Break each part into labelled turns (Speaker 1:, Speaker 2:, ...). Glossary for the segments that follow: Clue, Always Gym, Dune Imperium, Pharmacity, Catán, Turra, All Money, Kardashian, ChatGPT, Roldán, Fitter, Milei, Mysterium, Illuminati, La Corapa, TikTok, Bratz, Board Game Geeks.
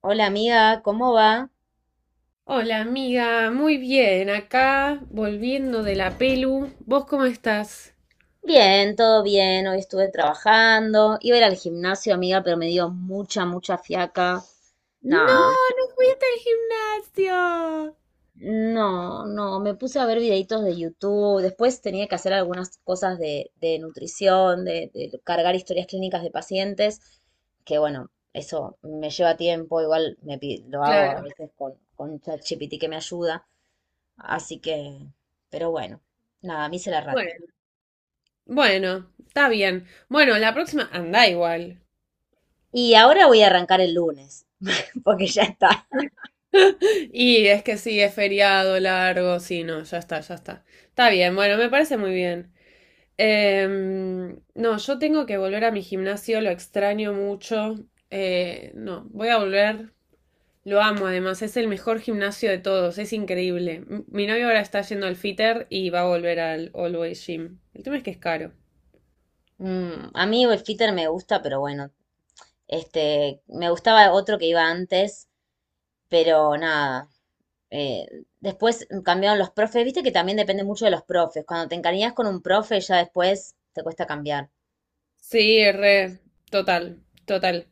Speaker 1: Hola amiga, ¿cómo va?
Speaker 2: Hola amiga, muy bien, acá volviendo de la pelu. ¿Vos cómo estás?
Speaker 1: Bien, todo bien. Hoy estuve trabajando. Iba a ir al gimnasio, amiga, pero me dio mucha, mucha fiaca.
Speaker 2: No,
Speaker 1: Nada.
Speaker 2: no fuiste al gimnasio.
Speaker 1: No, no, me puse a ver videitos de YouTube. Después tenía que hacer algunas cosas de nutrición, de cargar historias clínicas de pacientes, que bueno, eso me lleva tiempo. Igual lo hago a
Speaker 2: Claro.
Speaker 1: veces con ChatGPT que me ayuda. Así que, pero bueno, nada, me hice la rata.
Speaker 2: Bueno. Bueno, está bien. Bueno, la próxima anda igual.
Speaker 1: Y ahora voy a arrancar el lunes, porque ya está.
Speaker 2: Y es que sí, es feriado largo, sí, no, ya está, ya está. Está bien, bueno, me parece muy bien. No, yo tengo que volver a mi gimnasio, lo extraño mucho. No, voy a volver. Lo amo, además, es el mejor gimnasio de todos, es increíble. Mi novio ahora está yendo al Fitter y va a volver al Always Gym. El tema es que es caro.
Speaker 1: A mí el Fitter me gusta, pero bueno, este, me gustaba otro que iba antes, pero nada. eh, después cambiaron los profes, viste que también depende mucho de los profes. Cuando te encariñas con un profe, ya después te cuesta cambiar.
Speaker 2: Sí, re, total, total.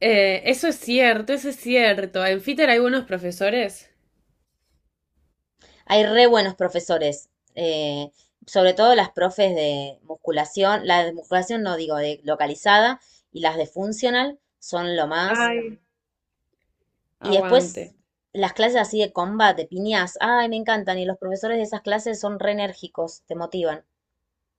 Speaker 2: Eso es cierto, eso es cierto. En Fitter hay buenos profesores.
Speaker 1: Hay re buenos profesores, eh, sobre todo las profes de musculación, la de musculación no digo de localizada, y las de funcional son lo más.
Speaker 2: Ay.
Speaker 1: Y
Speaker 2: Aguante.
Speaker 1: después las clases así de combate, piñas, ay, me encantan. Y los profesores de esas clases son re enérgicos, te motivan.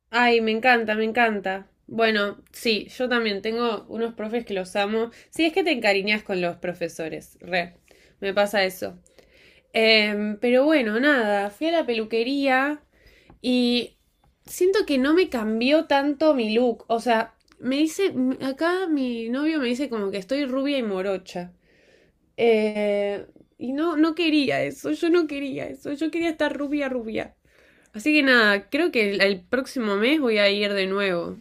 Speaker 2: Ay, me encanta, me encanta. Bueno, sí, yo también tengo unos profes que los amo. Sí, es que te encariñas con los profesores, re. Me pasa eso. Pero bueno, nada, fui a la peluquería y siento que no me cambió tanto mi look. O sea, me dice, acá mi novio me dice como que estoy rubia y morocha. Eh, y no, no quería eso, yo no quería eso, yo quería estar rubia, rubia. Así que nada, creo que el próximo mes voy a ir de nuevo.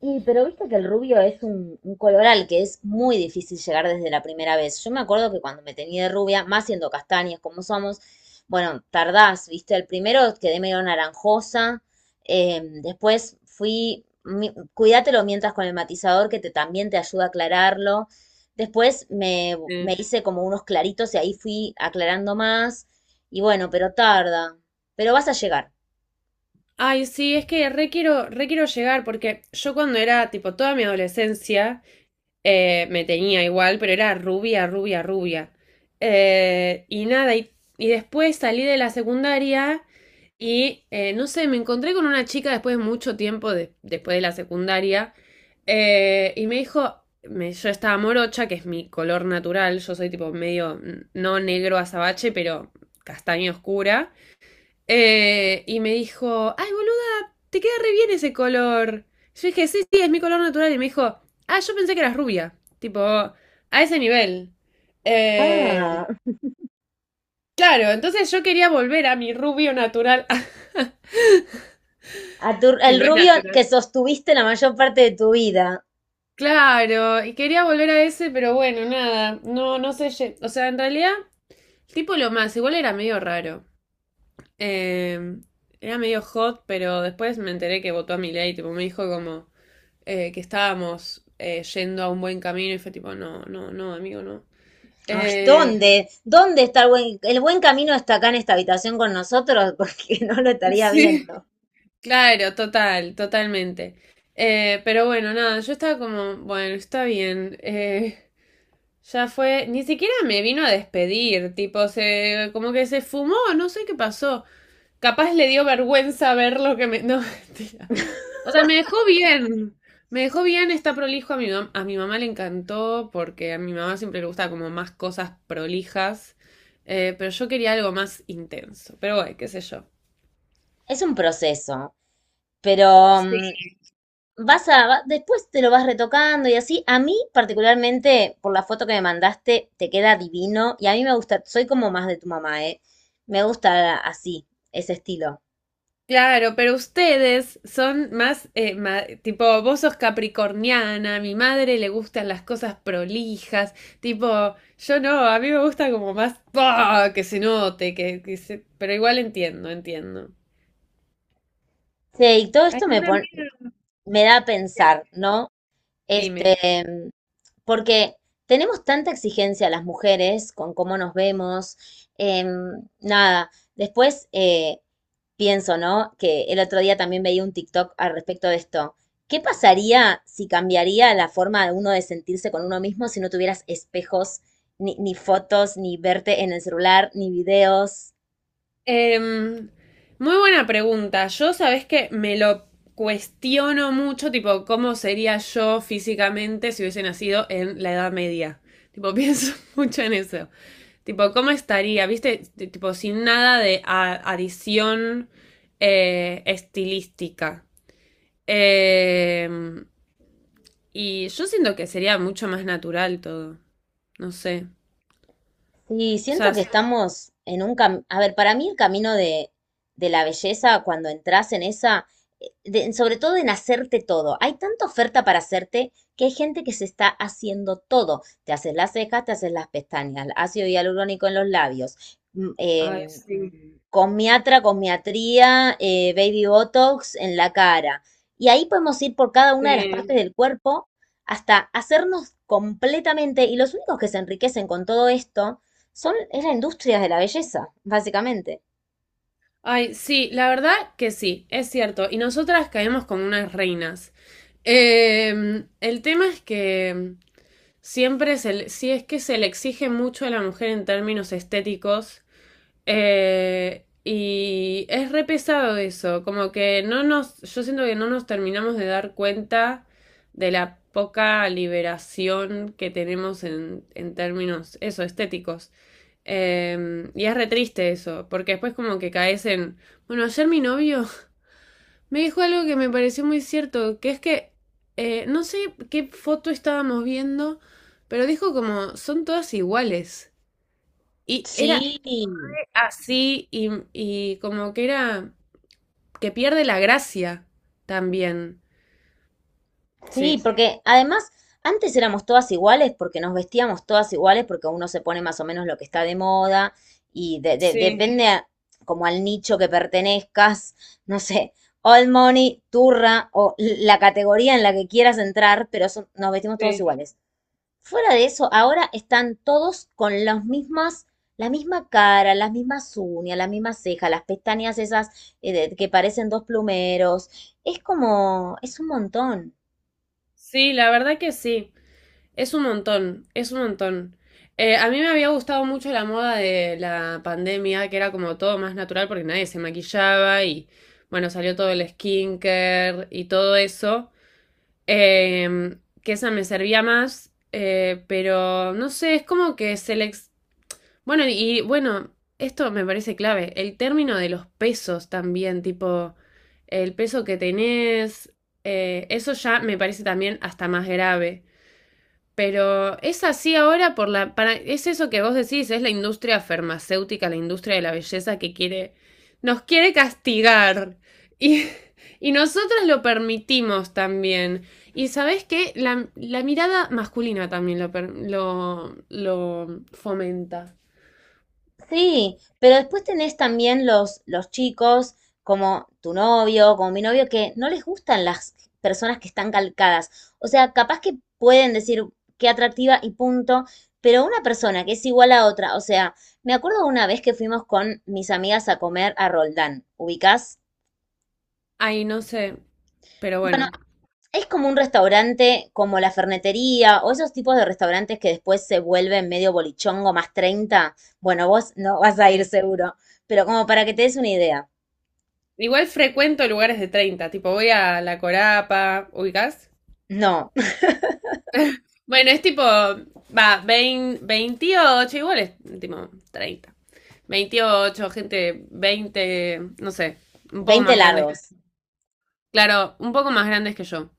Speaker 1: Y, pero viste que el rubio es un color al que es muy difícil llegar desde la primera vez. Yo me acuerdo que cuando me tenía de rubia, más siendo castañas como somos, bueno, tardás, viste, el primero quedé medio naranjosa, después fui, cuídatelo mientras con el matizador que te, también te ayuda a aclararlo. Después me,
Speaker 2: Eh,
Speaker 1: me hice como unos claritos y ahí fui aclarando más. Y bueno, pero tarda, pero vas a llegar.
Speaker 2: Ay, sí, es que re quiero llegar porque yo cuando era tipo toda mi adolescencia, me tenía igual, pero era rubia, rubia, rubia. Nada, y, Y después salí de la secundaria y no sé, me encontré con una chica después de mucho tiempo, después de la secundaria, y me dijo, yo estaba morocha, que es mi color natural, yo soy tipo medio, no negro azabache, pero castaña oscura. Y me dijo, ay, boluda, te queda re bien ese color. Yo dije, sí, sí, es mi color natural. Y me dijo, ah, yo pensé que eras rubia. Tipo, a ese nivel. Eh,
Speaker 1: Ah,
Speaker 2: claro, entonces yo quería volver a mi rubio natural,
Speaker 1: A tu-
Speaker 2: que
Speaker 1: el
Speaker 2: no es
Speaker 1: rubio que
Speaker 2: natural.
Speaker 1: sostuviste la mayor parte de tu vida.
Speaker 2: Claro, y quería volver a ese, pero bueno, nada, no, no sé, o sea, en realidad, el tipo lo más, igual era medio raro. Eh, Era medio hot, pero después me enteré que votó a Milei, tipo, me dijo como, que estábamos yendo a un buen camino y fue tipo, no, no, no, amigo, no.
Speaker 1: Ay,
Speaker 2: Eh,
Speaker 1: ¿dónde? ¿Dónde está el buen camino está acá en esta habitación con nosotros? Porque no lo estaría
Speaker 2: sí,
Speaker 1: viendo.
Speaker 2: claro, total, totalmente. Pero bueno, nada, yo estaba como, bueno, está bien. Ya fue, ni siquiera me vino a despedir, tipo, se, como que se fumó, no sé qué pasó. Capaz le dio vergüenza ver lo que me. No, mentira. O sea, me dejó bien. Me dejó bien, está prolijo. A mi mamá le encantó porque a mi mamá siempre le gusta como más cosas prolijas. Pero yo quería algo más intenso. Pero bueno, qué sé yo.
Speaker 1: Es un proceso, pero
Speaker 2: Sí.
Speaker 1: después te lo vas retocando y así. A mí, particularmente, por la foto que me mandaste, te queda divino, y a mí me gusta, soy como más de tu mamá, ¿eh? Me gusta así, ese estilo.
Speaker 2: Claro, pero ustedes son más, tipo, vos sos capricorniana, a mi madre le gustan las cosas prolijas, tipo, yo no, a mí me gusta como más, ¡pah!, que se note, que pero igual entiendo, entiendo.
Speaker 1: Sí, y todo
Speaker 2: Hay
Speaker 1: esto
Speaker 2: una amiga
Speaker 1: me da a
Speaker 2: que-
Speaker 1: pensar, ¿no? Este,
Speaker 2: dime.
Speaker 1: porque tenemos tanta exigencia las mujeres con cómo nos vemos. Nada, después pienso, ¿no? Que el otro día también veía un TikTok al respecto de esto. ¿Qué pasaría si cambiaría la forma de uno de sentirse con uno mismo si no tuvieras espejos, ni fotos, ni verte en el celular, ni videos?
Speaker 2: Em, Muy buena pregunta. Yo, sabes que me lo cuestiono mucho, tipo, cómo sería yo físicamente si hubiese nacido en la Edad Media. Tipo, pienso mucho en eso. Tipo, ¿cómo estaría? ¿Viste? Tipo, sin nada adición estilística. Em, y yo siento que sería mucho más natural todo. No sé.
Speaker 1: Sí,
Speaker 2: O sea,
Speaker 1: siento que
Speaker 2: s-
Speaker 1: estamos en un camino, a ver, para mí el camino de la belleza, cuando entras en esa, sobre todo en hacerte todo, hay tanta oferta para hacerte que hay gente que se está haciendo todo. Te haces las cejas, te haces las pestañas, ácido hialurónico en los labios, mm,
Speaker 2: Ay,
Speaker 1: em,
Speaker 2: sí.
Speaker 1: comiatría, baby botox en la cara. Y ahí podemos ir por cada una de las partes
Speaker 2: Sí.
Speaker 1: del cuerpo hasta hacernos completamente, y los únicos que se enriquecen con todo esto es la industria de la belleza, básicamente.
Speaker 2: Ay, sí, la verdad que sí, es cierto. Y nosotras caemos como unas reinas. El tema es que sí es que se le exige mucho a la mujer en términos estéticos. Y es re pesado eso. Como que no nos, yo siento que no nos terminamos de dar cuenta de la poca liberación que tenemos en términos, eso, estéticos. Y es re triste eso, porque después como que caes en... Bueno, ayer mi novio me dijo algo que me pareció muy cierto, que es que no sé qué foto estábamos viendo, pero dijo como son todas iguales. Y era
Speaker 1: Sí,
Speaker 2: así y como que era que pierde la gracia también. Sí.
Speaker 1: sí, porque además antes éramos todas iguales porque nos vestíamos todas iguales porque uno se pone más o menos lo que está de moda, y
Speaker 2: Sí,
Speaker 1: depende como al nicho que pertenezcas, no sé, All Money, Turra o la categoría en la que quieras entrar, pero nos vestimos todos
Speaker 2: sí.
Speaker 1: iguales. Fuera de eso, ahora están todos con la misma cara, las mismas uñas, las mismas cejas, las pestañas esas que parecen dos plumeros. Es como, es un montón.
Speaker 2: Sí, la verdad que sí. Es un montón, es un montón. A mí me había gustado mucho la moda de la pandemia, que era como todo más natural porque nadie se maquillaba y bueno, salió todo el skincare y todo eso, eh, que esa me servía más, pero no sé, es como que se le... Bueno, y bueno, esto me parece clave, el término de los pesos también, tipo el peso que tenés, eso ya me parece también hasta más grave. Pero es así ahora por la, para, es eso que vos decís, es la industria farmacéutica, la industria de la belleza que quiere, nos quiere castigar. Y, y nosotros lo permitimos también. Y sabés qué la, la mirada masculina también lo fomenta.
Speaker 1: Sí, pero después tenés también los chicos, como tu novio, como mi novio, que no les gustan las personas que están calcadas. O sea, capaz que pueden decir qué atractiva y punto, pero una persona que es igual a otra, o sea, me acuerdo una vez que fuimos con mis amigas a comer a Roldán, ¿ubicás?
Speaker 2: Ay, no sé. Pero bueno.
Speaker 1: Bueno, es como un restaurante, como la fernetería, o esos tipos de restaurantes que después se vuelven medio bolichongo más 30. Bueno, vos no vas a ir
Speaker 2: Sí.
Speaker 1: seguro, pero como para que te des una idea.
Speaker 2: Igual frecuento lugares de 30 tipo voy a La Corapa, ubicás.
Speaker 1: No,
Speaker 2: Bueno, es tipo, va, 20, 28, igual es tipo 30, 28 gente 20, no sé, un poco
Speaker 1: veinte
Speaker 2: más grandes que...
Speaker 1: largos.
Speaker 2: Claro, un poco más grandes que yo.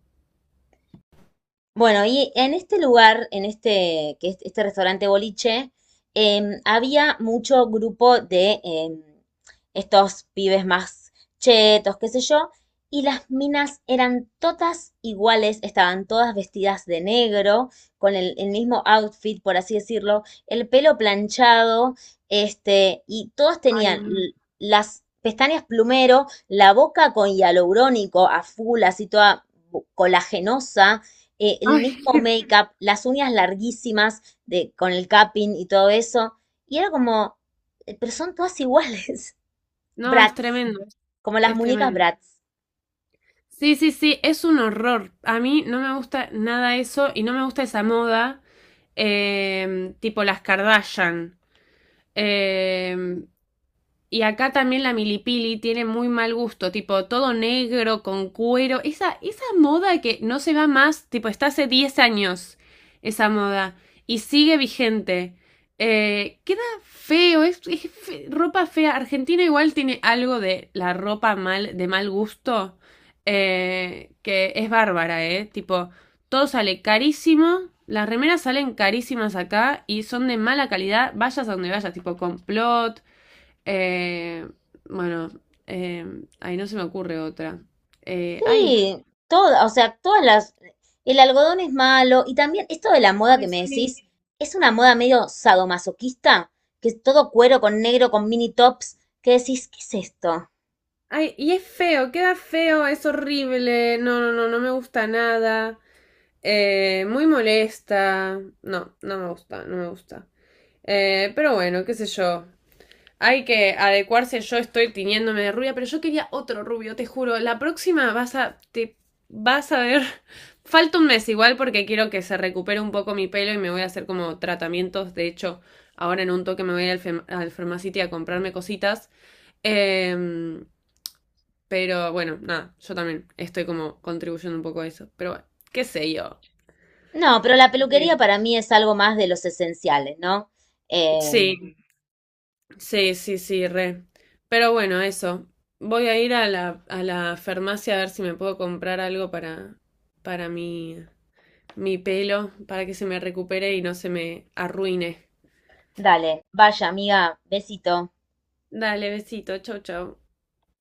Speaker 1: Bueno, y en este lugar, en este, que es este restaurante boliche, había mucho grupo de estos pibes más chetos, qué sé yo, y las minas eran todas iguales, estaban todas vestidas de negro, con el mismo outfit, por así decirlo, el pelo planchado, este, y todas
Speaker 2: Ay,
Speaker 1: tenían
Speaker 2: no.
Speaker 1: las pestañas plumero, la boca con hialurónico a full, así toda colagenosa, el
Speaker 2: Ay,
Speaker 1: mismo
Speaker 2: qué-
Speaker 1: make-up, las uñas larguísimas, de, con el capping y todo eso. Y era como, pero son todas iguales,
Speaker 2: no, es
Speaker 1: Bratz,
Speaker 2: tremendo,
Speaker 1: como las
Speaker 2: es
Speaker 1: muñecas
Speaker 2: tremendo.
Speaker 1: Bratz.
Speaker 2: Sí, sí, sí, es un horror. A mí no me gusta nada eso y no me gusta esa moda, tipo las Kardashian. Em, Y acá también la milipili tiene muy mal gusto, tipo todo negro, con cuero. Esa moda que no se va más, tipo está hace 10 años esa moda y sigue vigente. Queda feo, es, ropa fea. Argentina igual tiene algo de la ropa mal, de mal gusto, que es bárbara, ¿eh? Tipo, todo sale carísimo, las remeras salen carísimas acá y son de mala calidad, vayas a donde vayas, tipo complot. Eh, bueno, ahí no se me ocurre otra. Eh, ay,
Speaker 1: Sí, todas, o sea, todas las... El algodón es malo, y también esto de la moda
Speaker 2: Ay,
Speaker 1: que me
Speaker 2: sí.
Speaker 1: decís es una moda medio sadomasoquista, que es todo cuero con negro, con mini tops, que decís, ¿qué es esto?
Speaker 2: Ay, y es feo, queda feo, es horrible. No, no, no, no me gusta nada. Muy molesta. No, no me gusta, no me gusta. Pero bueno, qué sé yo. Hay que adecuarse, yo estoy tiñéndome de rubia, pero yo quería otro rubio, te juro. La próxima vas a. Te vas a ver. Falta un mes igual porque quiero que se recupere un poco mi pelo y me voy a hacer como tratamientos. De hecho, ahora en un toque me voy a ir al, al Pharmacity a comprarme cositas. Em, pero bueno, nada, yo también estoy como contribuyendo un poco a eso. Pero bueno, qué sé yo.
Speaker 1: No, pero la
Speaker 2: Qué sé yo.
Speaker 1: peluquería para mí es algo más de los esenciales, ¿no? Eh,
Speaker 2: Sí. Sí, sí, sí, re. Pero bueno, eso. Voy a ir a la farmacia a ver si me puedo comprar algo para mi, mi pelo, para que se me recupere y no se me arruine.
Speaker 1: dale, vaya amiga, besito.
Speaker 2: Dale, besito, chau, chau.